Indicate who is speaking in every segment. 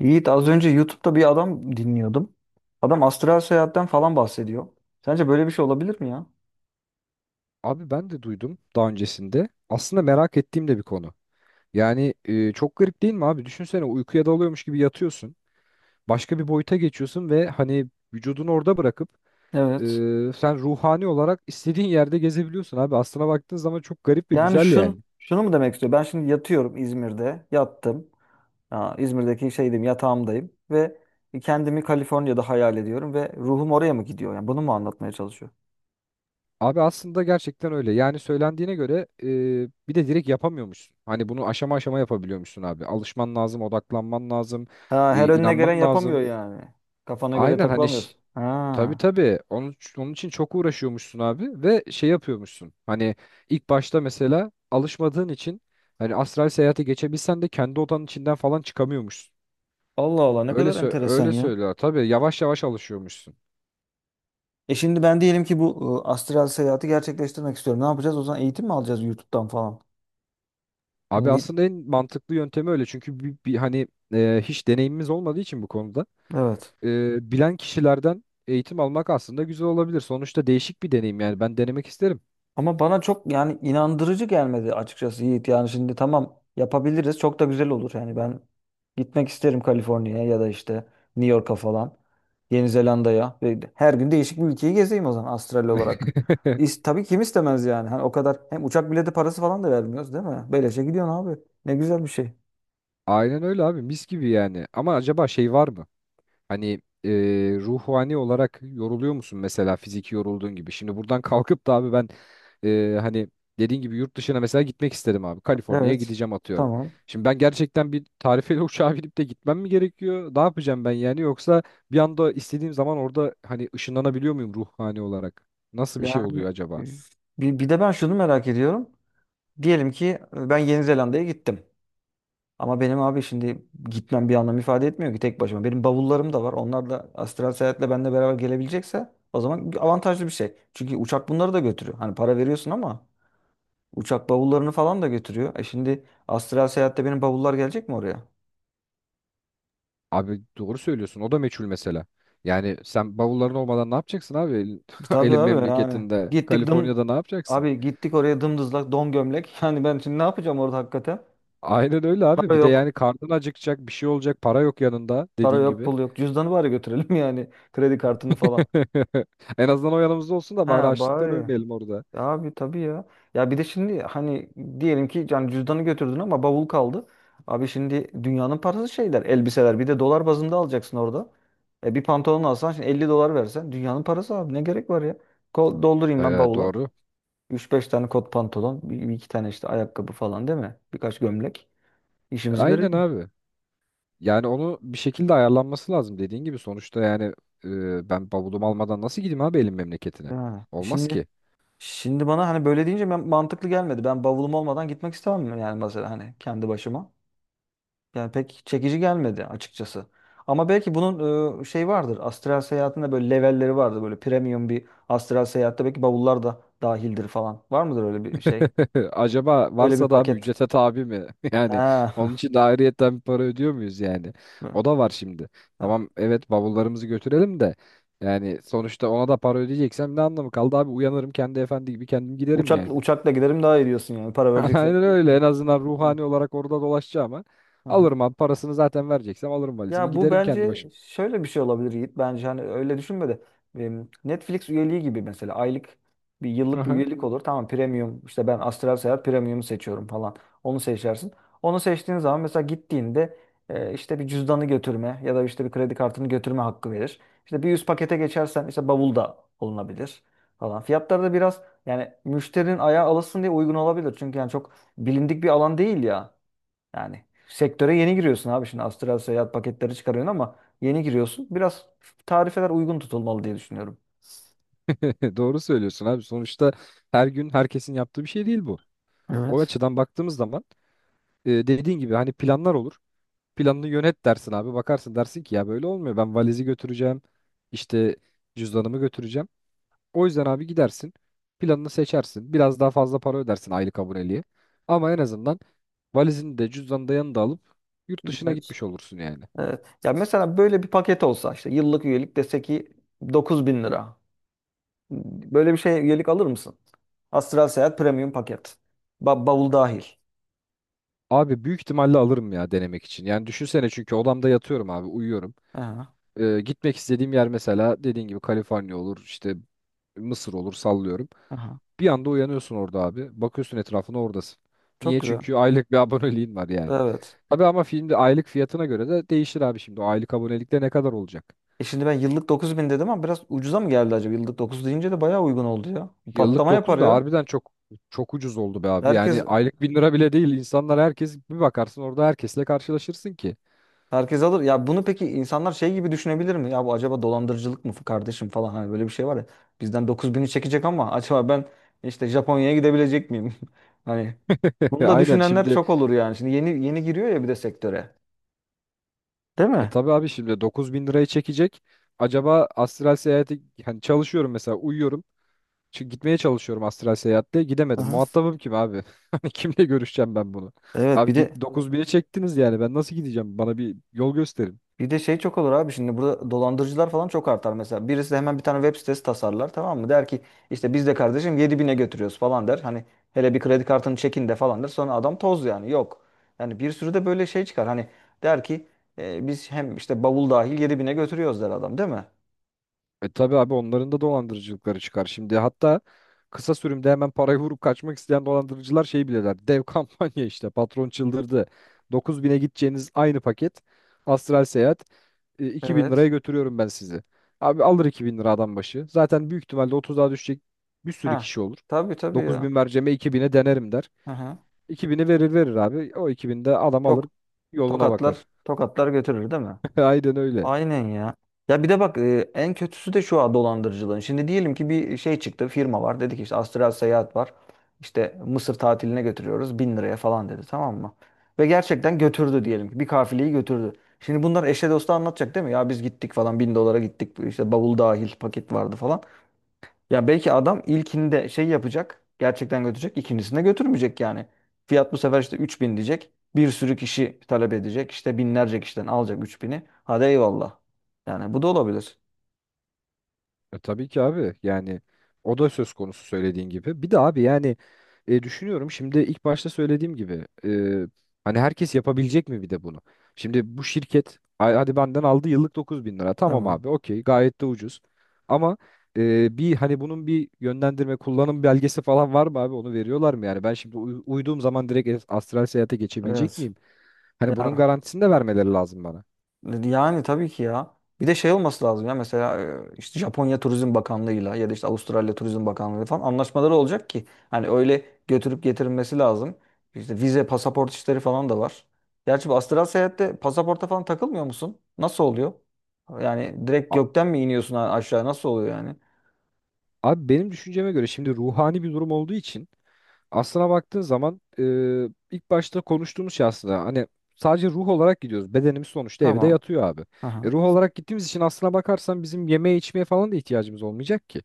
Speaker 1: Yiğit az önce YouTube'da bir adam dinliyordum. Adam astral seyahatten falan bahsediyor. Sence böyle bir şey olabilir mi ya?
Speaker 2: Abi ben de duydum daha öncesinde. Aslında merak ettiğim de bir konu. Yani çok garip değil mi abi? Düşünsene uykuya dalıyormuş gibi yatıyorsun. Başka bir boyuta geçiyorsun ve hani vücudunu orada bırakıp e,
Speaker 1: Evet.
Speaker 2: sen ruhani olarak istediğin yerde gezebiliyorsun abi. Aslına baktığın zaman çok garip ve
Speaker 1: Yani
Speaker 2: güzel yani.
Speaker 1: şunu mu demek istiyor? Ben şimdi yatıyorum İzmir'de. Yattım. Ha, İzmir'deki şeydim, yatağımdayım. Ve kendimi Kaliforniya'da hayal ediyorum. Ve ruhum oraya mı gidiyor? Yani bunu mu anlatmaya çalışıyor?
Speaker 2: Abi aslında gerçekten öyle. Yani söylendiğine göre bir de direkt yapamıyormuşsun. Hani bunu aşama aşama yapabiliyormuşsun abi. Alışman lazım, odaklanman lazım,
Speaker 1: Ha, her önüne gelen
Speaker 2: inanman
Speaker 1: yapamıyor
Speaker 2: lazım.
Speaker 1: yani. Kafana göre
Speaker 2: Aynen hani.
Speaker 1: takılamıyorsun.
Speaker 2: Tabii
Speaker 1: Ha.
Speaker 2: tabii. Onun için çok uğraşıyormuşsun abi ve şey yapıyormuşsun. Hani ilk başta mesela alışmadığın için hani astral seyahate geçebilsen de kendi odanın içinden falan çıkamıyormuşsun.
Speaker 1: Allah Allah ne kadar enteresan
Speaker 2: Öyle
Speaker 1: ya.
Speaker 2: söylüyor. Tabii yavaş yavaş alışıyormuşsun.
Speaker 1: E şimdi ben diyelim ki bu astral seyahati gerçekleştirmek istiyorum. Ne yapacağız? O zaman eğitim mi alacağız YouTube'dan falan?
Speaker 2: Abi
Speaker 1: Bunu bir...
Speaker 2: aslında en mantıklı yöntemi öyle. Çünkü bir hani hiç deneyimimiz olmadığı için bu konuda
Speaker 1: Evet.
Speaker 2: bilen kişilerden eğitim almak aslında güzel olabilir. Sonuçta değişik bir deneyim, yani ben denemek isterim.
Speaker 1: Ama bana çok yani inandırıcı gelmedi açıkçası Yiğit. Yani şimdi tamam yapabiliriz. Çok da güzel olur. Yani ben gitmek isterim Kaliforniya'ya ya da işte New York'a falan. Yeni Zelanda'ya. Ve her gün değişik bir ülkeyi gezeyim o zaman astral olarak. Tabii kim istemez yani. Hani o kadar hem uçak bileti parası falan da vermiyoruz değil mi? Böylece gidiyorsun abi. Ne güzel bir şey.
Speaker 2: Aynen öyle abi, mis gibi yani. Ama acaba şey var mı? Hani ruhani olarak yoruluyor musun mesela fiziki yorulduğun gibi? Şimdi buradan kalkıp da abi ben hani dediğin gibi yurt dışına mesela gitmek istedim abi. Kaliforniya'ya
Speaker 1: Evet.
Speaker 2: gideceğim, atıyorum.
Speaker 1: Tamam.
Speaker 2: Şimdi ben gerçekten bir tarifeli uçağa binip de gitmem mi gerekiyor? Ne yapacağım ben yani? Yoksa bir anda istediğim zaman orada hani ışınlanabiliyor muyum ruhani olarak? Nasıl bir şey
Speaker 1: Yani
Speaker 2: oluyor acaba?
Speaker 1: bir de ben şunu merak ediyorum. Diyelim ki ben Yeni Zelanda'ya gittim. Ama benim abi şimdi gitmem bir anlam ifade etmiyor ki tek başıma. Benim bavullarım da var. Onlar da astral seyahatle benimle beraber gelebilecekse o zaman avantajlı bir şey. Çünkü uçak bunları da götürüyor. Hani para veriyorsun ama uçak bavullarını falan da götürüyor. E şimdi astral seyahatte benim bavullar gelecek mi oraya?
Speaker 2: Abi doğru söylüyorsun. O da meçhul mesela. Yani sen bavulların olmadan ne yapacaksın abi? Elin
Speaker 1: E tabii
Speaker 2: elin
Speaker 1: abi yani.
Speaker 2: memleketinde,
Speaker 1: Gittik dım
Speaker 2: Kaliforniya'da ne yapacaksın?
Speaker 1: abi gittik oraya dımdızlak don gömlek. Yani ben şimdi ne yapacağım orada hakikaten?
Speaker 2: Aynen öyle abi.
Speaker 1: Para
Speaker 2: Bir de
Speaker 1: yok.
Speaker 2: yani karnın acıkacak, bir şey olacak, para yok yanında,
Speaker 1: Para
Speaker 2: dediğin
Speaker 1: yok,
Speaker 2: gibi.
Speaker 1: pul yok. Cüzdanı bari götürelim yani. Kredi kartını falan.
Speaker 2: En azından o yanımızda olsun da bari
Speaker 1: Ha
Speaker 2: açlıktan
Speaker 1: bari.
Speaker 2: ölmeyelim orada.
Speaker 1: Abi tabii ya. Ya bir de şimdi hani diyelim ki yani cüzdanı götürdün ama bavul kaldı. Abi şimdi dünyanın parası şeyler, elbiseler. Bir de dolar bazında alacaksın orada. E bir pantolon alsan şimdi 50 dolar versen dünyanın parası abi ne gerek var ya? Doldurayım ben bavula.
Speaker 2: Doğru.
Speaker 1: Üç beş tane kot pantolon, bir iki tane işte ayakkabı falan değil mi? Birkaç gömlek. İşimizi
Speaker 2: Aynen
Speaker 1: görelim.
Speaker 2: abi. Yani onu bir şekilde ayarlanması lazım, dediğin gibi. Sonuçta yani ben bavulumu almadan nasıl gideyim abi elim memleketine?
Speaker 1: Yani
Speaker 2: Olmaz
Speaker 1: şimdi
Speaker 2: ki.
Speaker 1: şimdi bana hani böyle deyince ben, mantıklı gelmedi. Ben bavulum olmadan gitmek istemem yani mesela hani kendi başıma. Yani pek çekici gelmedi açıkçası. Ama belki bunun şey vardır. Astral seyahatinde böyle levelleri vardır. Böyle premium bir astral seyahatte belki bavullar da dahildir falan. Var mıdır öyle bir şey?
Speaker 2: Acaba
Speaker 1: Öyle bir
Speaker 2: varsa da abi
Speaker 1: paket.
Speaker 2: ücrete tabi mi? Yani
Speaker 1: Ha.
Speaker 2: onun için de ayrıyetten bir para ödüyor muyuz yani? O da var şimdi.
Speaker 1: Ha.
Speaker 2: Tamam, evet, bavullarımızı götürelim de yani sonuçta ona da para ödeyeceksem ne anlamı kaldı abi? Uyanırım, kendi efendi gibi kendim giderim yani.
Speaker 1: Uçakla giderim daha iyi diyorsun yani. Para vereceksen.
Speaker 2: Aynen öyle. En azından
Speaker 1: Hı.
Speaker 2: ruhani olarak orada dolaşacağıma
Speaker 1: Aha.
Speaker 2: alırım abi parasını, zaten vereceksem alırım valizimi
Speaker 1: Ya bu
Speaker 2: giderim kendi
Speaker 1: bence
Speaker 2: başıma.
Speaker 1: şöyle bir şey olabilir Yiğit. Bence hani öyle düşünme de Netflix üyeliği gibi mesela aylık bir yıllık bir
Speaker 2: Aha.
Speaker 1: üyelik olur. Tamam premium işte ben Astral Seyahat premium'u seçiyorum falan. Onu seçersin. Onu seçtiğin zaman mesela gittiğinde işte bir cüzdanı götürme ya da işte bir kredi kartını götürme hakkı verir. İşte bir üst pakete geçersen işte bavul da olunabilir falan. Fiyatları da biraz yani müşterinin ayağı alışsın diye uygun olabilir. Çünkü yani çok bilindik bir alan değil ya. Yani sektöre yeni giriyorsun abi, şimdi astral seyahat paketleri çıkarıyorsun ama yeni giriyorsun. Biraz tarifeler uygun tutulmalı diye düşünüyorum.
Speaker 2: Doğru söylüyorsun abi. Sonuçta her gün herkesin yaptığı bir şey değil bu. O
Speaker 1: Evet.
Speaker 2: açıdan baktığımız zaman dediğin gibi hani planlar olur. Planını yönet dersin abi. Bakarsın, dersin ki ya böyle olmuyor. Ben valizi götüreceğim. İşte cüzdanımı götüreceğim. O yüzden abi gidersin. Planını seçersin. Biraz daha fazla para ödersin aylık aboneliğe. Ama en azından valizini de cüzdanı da yanında alıp yurt dışına
Speaker 1: Evet.
Speaker 2: gitmiş olursun yani.
Speaker 1: Evet. Ya mesela böyle bir paket olsa işte yıllık üyelik dese ki 9 bin lira. Böyle bir şey üyelik alır mısın? Astral Seyahat Premium paket. Bavul dahil.
Speaker 2: Abi büyük ihtimalle alırım ya, denemek için. Yani düşünsene, çünkü odamda yatıyorum abi, uyuyorum.
Speaker 1: Aha,
Speaker 2: Gitmek istediğim yer mesela dediğin gibi Kaliforniya olur, işte Mısır olur, sallıyorum.
Speaker 1: aha.
Speaker 2: Bir anda uyanıyorsun orada abi. Bakıyorsun etrafına, oradasın.
Speaker 1: Çok
Speaker 2: Niye?
Speaker 1: güzel.
Speaker 2: Çünkü aylık bir aboneliğin var yani.
Speaker 1: Evet.
Speaker 2: Tabii ama filmde aylık fiyatına göre de değişir abi şimdi. O aylık abonelikte ne kadar olacak?
Speaker 1: E şimdi ben yıllık 9 bin dedim ama biraz ucuza mı geldi acaba? Yıllık 9 deyince de bayağı uygun oldu ya.
Speaker 2: Yıllık
Speaker 1: Patlama yapar
Speaker 2: 9 da
Speaker 1: ya.
Speaker 2: harbiden çok ucuz oldu be abi.
Speaker 1: Herkes
Speaker 2: Yani aylık 1000 lira bile değil. İnsanlar, herkes, bir bakarsın orada herkesle karşılaşırsın ki.
Speaker 1: Herkes alır. Ya bunu peki insanlar şey gibi düşünebilir mi? Ya bu acaba dolandırıcılık mı kardeşim falan, hani böyle bir şey var ya. Bizden 9 bini çekecek ama acaba ben işte Japonya'ya gidebilecek miyim? Hani bunu da
Speaker 2: Aynen
Speaker 1: düşünenler
Speaker 2: şimdi
Speaker 1: çok olur yani. Şimdi yeni yeni giriyor ya bir de sektöre. Değil mi?
Speaker 2: tabii abi, şimdi 9000 lirayı çekecek. Acaba astral seyahati hani çalışıyorum mesela, uyuyorum. Çünkü gitmeye çalışıyorum astral seyahatte. Gidemedim.
Speaker 1: Aha.
Speaker 2: Muhatabım kim abi? Hani kimle görüşeceğim ben bunu?
Speaker 1: Evet,
Speaker 2: Abi
Speaker 1: bir
Speaker 2: git,
Speaker 1: de
Speaker 2: 9000'e çektiniz yani. Ben nasıl gideceğim? Bana bir yol gösterin.
Speaker 1: bir de şey çok olur abi, şimdi burada dolandırıcılar falan çok artar mesela. Birisi hemen bir tane web sitesi tasarlar tamam mı? Der ki işte biz de kardeşim 7 bine götürüyoruz falan der. Hani hele bir kredi kartını çekin de falan der. Sonra adam toz yani yok. Yani bir sürü de böyle şey çıkar. Hani der ki, "E, biz hem işte bavul dahil 7 bine götürüyoruz," der adam değil mi?
Speaker 2: E tabii abi, onların da dolandırıcılıkları çıkar. Şimdi hatta kısa sürümde hemen parayı vurup kaçmak isteyen dolandırıcılar şey bilirler. Dev kampanya işte. Patron çıldırdı. 9000'e gideceğiniz aynı paket. Astral seyahat. E, 2000 liraya
Speaker 1: Evet.
Speaker 2: götürüyorum ben sizi. Abi alır, 2000 lira adam başı. Zaten büyük ihtimalle 30 daha düşecek, bir sürü
Speaker 1: Ha.
Speaker 2: kişi olur.
Speaker 1: Tabii tabii ya.
Speaker 2: 9000 vereceğime 2000'e denerim der.
Speaker 1: Hı hı.
Speaker 2: 2000'i verir verir abi. O 2000'de adam alır
Speaker 1: Tok,
Speaker 2: yoluna
Speaker 1: tokatlar,
Speaker 2: bakar.
Speaker 1: tokatlar götürür değil mi?
Speaker 2: Aynen öyle.
Speaker 1: Aynen ya. Ya bir de bak en kötüsü de şu, ha, dolandırıcılığın. Şimdi diyelim ki bir şey çıktı, firma var. Dedi ki işte Astral Seyahat var. İşte Mısır tatiline götürüyoruz. Bin liraya falan dedi tamam mı? Ve gerçekten götürdü diyelim ki. Bir kafileyi götürdü. Şimdi bunlar eşe dosta anlatacak değil mi? Ya biz gittik falan, bin dolara gittik. İşte bavul dahil paket vardı falan. Ya belki adam ilkinde şey yapacak. Gerçekten götürecek. İkincisinde götürmeyecek yani. Fiyat bu sefer işte 3 bin diyecek. Bir sürü kişi talep edecek. İşte binlerce kişiden alacak 3 bini. Hadi eyvallah. Yani bu da olabilir.
Speaker 2: E, tabii ki abi yani o da söz konusu, söylediğin gibi. Bir de abi yani düşünüyorum şimdi ilk başta söylediğim gibi hani herkes yapabilecek mi bir de bunu? Şimdi bu şirket hadi benden aldı yıllık 9000 lira, tamam
Speaker 1: Tamam.
Speaker 2: abi, okey, gayet de ucuz. Ama bir hani bunun bir yönlendirme kullanım belgesi falan var mı abi, onu veriyorlar mı yani? Ben şimdi uyuduğum zaman direkt astral seyahate geçebilecek
Speaker 1: Evet.
Speaker 2: miyim? Hani bunun
Speaker 1: Ya
Speaker 2: garantisini de vermeleri lazım bana.
Speaker 1: yani tabii ki ya. Bir de şey olması lazım ya, mesela işte Japonya Turizm Bakanlığı'yla ya da işte Avustralya Turizm Bakanlığı falan anlaşmaları olacak ki hani öyle götürüp getirilmesi lazım. İşte vize, pasaport işleri falan da var. Gerçi bu astral seyahatte pasaporta falan takılmıyor musun? Nasıl oluyor? Yani direkt
Speaker 2: A-
Speaker 1: gökten mi iniyorsun aşağı, nasıl oluyor yani?
Speaker 2: Abi benim düşünceme göre şimdi ruhani bir durum olduğu için, aslına baktığın zaman ilk başta konuştuğumuz şey aslında hani sadece ruh olarak gidiyoruz. Bedenimiz sonuçta evde
Speaker 1: Tamam.
Speaker 2: yatıyor abi.
Speaker 1: Aha.
Speaker 2: E, ruh olarak gittiğimiz için aslına bakarsan bizim yemeğe içmeye falan da ihtiyacımız olmayacak ki.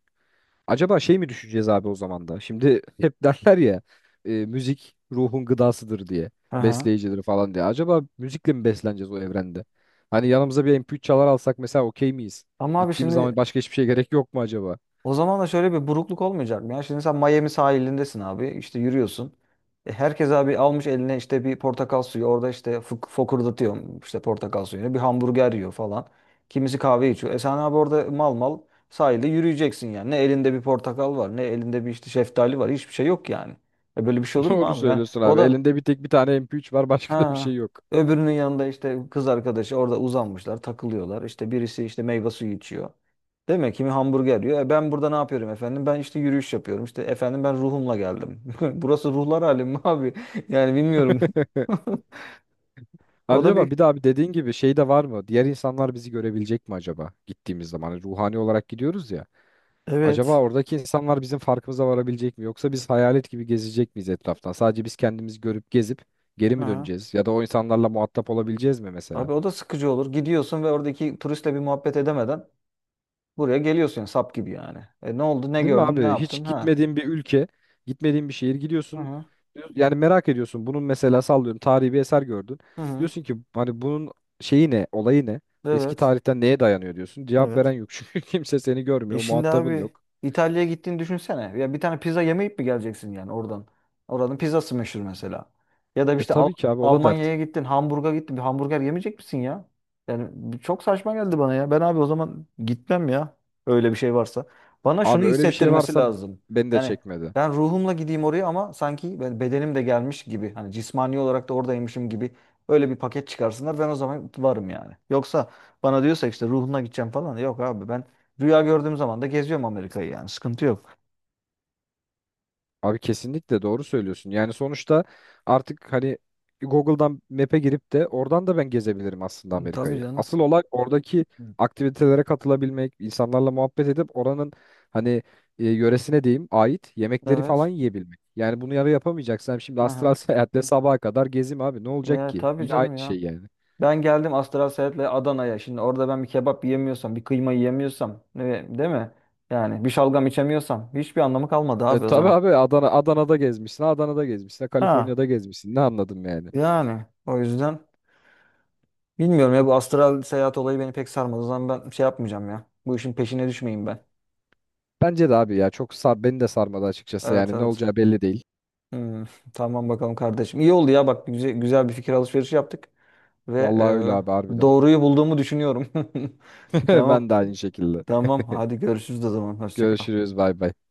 Speaker 2: Acaba şey mi düşeceğiz abi o zaman da? Şimdi hep derler ya müzik ruhun gıdasıdır diye,
Speaker 1: Aha.
Speaker 2: besleyicidir falan diye. Acaba müzikle mi besleneceğiz o evrende? Hani yanımıza bir MP3 çalar alsak mesela okey miyiz?
Speaker 1: Ama abi
Speaker 2: Gittiğimiz zaman
Speaker 1: şimdi
Speaker 2: başka hiçbir şey gerek yok mu acaba?
Speaker 1: o zaman da şöyle bir burukluk olmayacak mı ya? Şimdi sen Miami sahilindesin abi, işte yürüyorsun. E, herkes abi almış eline işte bir portakal suyu. Orada işte fokurdatıyor işte portakal suyunu. Bir hamburger yiyor falan. Kimisi kahve içiyor. E sen abi orada mal mal sahilde yürüyeceksin yani. Ne elinde bir portakal var, ne elinde bir işte şeftali var. Hiçbir şey yok yani. E böyle bir şey olur mu
Speaker 2: Doğru
Speaker 1: abi? Yani
Speaker 2: söylüyorsun
Speaker 1: o
Speaker 2: abi.
Speaker 1: da...
Speaker 2: Elinde bir tek bir tane MP3 var, başka da bir
Speaker 1: Ha.
Speaker 2: şey yok.
Speaker 1: Öbürünün yanında işte kız arkadaşı orada uzanmışlar, takılıyorlar. İşte birisi işte meyve suyu içiyor. Değil mi? Kimi hamburger yiyor. E ben burada ne yapıyorum efendim? Ben işte yürüyüş yapıyorum. İşte efendim ben ruhumla geldim. Burası ruhlar alemi mi abi? Yani bilmiyorum. O
Speaker 2: Abi,
Speaker 1: da bir...
Speaker 2: acaba bir de abi dediğin gibi şey de var mı? Diğer insanlar bizi görebilecek mi acaba gittiğimiz zaman? Hani ruhani olarak gidiyoruz ya. Acaba
Speaker 1: Evet.
Speaker 2: oradaki insanlar bizim farkımıza varabilecek mi? Yoksa biz hayalet gibi gezecek miyiz etraftan? Sadece biz kendimizi görüp gezip geri mi
Speaker 1: Aha.
Speaker 2: döneceğiz? Ya da o insanlarla muhatap olabileceğiz mi
Speaker 1: Abi
Speaker 2: mesela?
Speaker 1: o da sıkıcı olur. Gidiyorsun ve oradaki turistle bir muhabbet edemeden buraya geliyorsun sap gibi yani. E ne oldu? Ne
Speaker 2: Değil mi
Speaker 1: gördün? Ne
Speaker 2: abi?
Speaker 1: yaptın?
Speaker 2: Hiç
Speaker 1: Ha.
Speaker 2: gitmediğin bir ülke, gitmediğin bir şehir
Speaker 1: Hı
Speaker 2: gidiyorsun.
Speaker 1: hı.
Speaker 2: Yani merak ediyorsun. Bunun mesela, sallıyorum, tarihi bir eser gördün.
Speaker 1: Hı hı.
Speaker 2: Diyorsun ki hani bunun şeyi ne, olayı ne? Eski
Speaker 1: Evet.
Speaker 2: tarihten neye dayanıyor diyorsun. Cevap veren
Speaker 1: Evet.
Speaker 2: yok çünkü kimse seni
Speaker 1: E
Speaker 2: görmüyor,
Speaker 1: şimdi
Speaker 2: muhatabın
Speaker 1: abi
Speaker 2: yok.
Speaker 1: İtalya'ya gittiğini düşünsene. Ya bir tane pizza yemeyip mi geleceksin yani oradan? Oranın pizzası meşhur mesela. Ya da
Speaker 2: E
Speaker 1: işte
Speaker 2: tabii ki abi, o da dert.
Speaker 1: Almanya'ya gittin, Hamburg'a gittin. Bir hamburger yemeyecek misin ya? Yani bu çok saçma geldi bana ya. Ben abi o zaman gitmem ya. Öyle bir şey varsa. Bana şunu
Speaker 2: Abi öyle bir şey
Speaker 1: hissettirmesi
Speaker 2: varsa
Speaker 1: lazım.
Speaker 2: beni de
Speaker 1: Yani
Speaker 2: çekmedi.
Speaker 1: ben ruhumla gideyim oraya ama sanki ben bedenim de gelmiş gibi. Hani cismani olarak da oradaymışım gibi. Öyle bir paket çıkarsınlar. Ben o zaman varım yani. Yoksa bana diyorsa işte ruhuna gideceğim falan, yok abi ben... Rüya gördüğüm zaman da geziyorum Amerika'yı yani. Sıkıntı yok.
Speaker 2: Abi kesinlikle doğru söylüyorsun. Yani sonuçta artık hani Google'dan Map'e girip de oradan da ben gezebilirim aslında
Speaker 1: Tabii
Speaker 2: Amerika'yı.
Speaker 1: canım.
Speaker 2: Asıl olay oradaki aktivitelere katılabilmek, insanlarla muhabbet edip oranın hani yöresine diyeyim ait yemekleri falan
Speaker 1: Evet.
Speaker 2: yiyebilmek. Yani bunu yarı yapamayacaksam şimdi astral
Speaker 1: Aha.
Speaker 2: seyahatle sabaha kadar gezeyim abi, ne olacak
Speaker 1: Ya
Speaker 2: ki?
Speaker 1: tabii
Speaker 2: Yine aynı
Speaker 1: canım ya.
Speaker 2: şey yani.
Speaker 1: Ben geldim Astral Seyahat'le Adana'ya. Şimdi orada ben bir kebap yiyemiyorsam, bir kıyma yiyemiyorsam, değil mi? Yani bir şalgam içemiyorsam hiçbir anlamı kalmadı
Speaker 2: E,
Speaker 1: abi o
Speaker 2: tabii
Speaker 1: zaman.
Speaker 2: abi, Adana Adana'da gezmişsin, Adana'da gezmişsin,
Speaker 1: Ha.
Speaker 2: Kaliforniya'da gezmişsin. Ne anladım yani?
Speaker 1: Yani o yüzden bilmiyorum ya, bu astral seyahat olayı beni pek sarmadı. O zaman ben şey yapmayacağım ya. Bu işin peşine düşmeyeyim ben.
Speaker 2: Bence de abi ya çok beni de sarmadı açıkçası
Speaker 1: Evet
Speaker 2: yani, ne
Speaker 1: evet.
Speaker 2: olacağı belli değil.
Speaker 1: Hmm, tamam bakalım kardeşim. İyi oldu ya bak, güzel, güzel bir fikir alışverişi yaptık. Ve
Speaker 2: Vallahi öyle abi, harbiden.
Speaker 1: doğruyu bulduğumu düşünüyorum. Tamam.
Speaker 2: Ben de aynı şekilde.
Speaker 1: Tamam. Hadi görüşürüz o zaman. Hoşça kal.
Speaker 2: Görüşürüz, bay bay.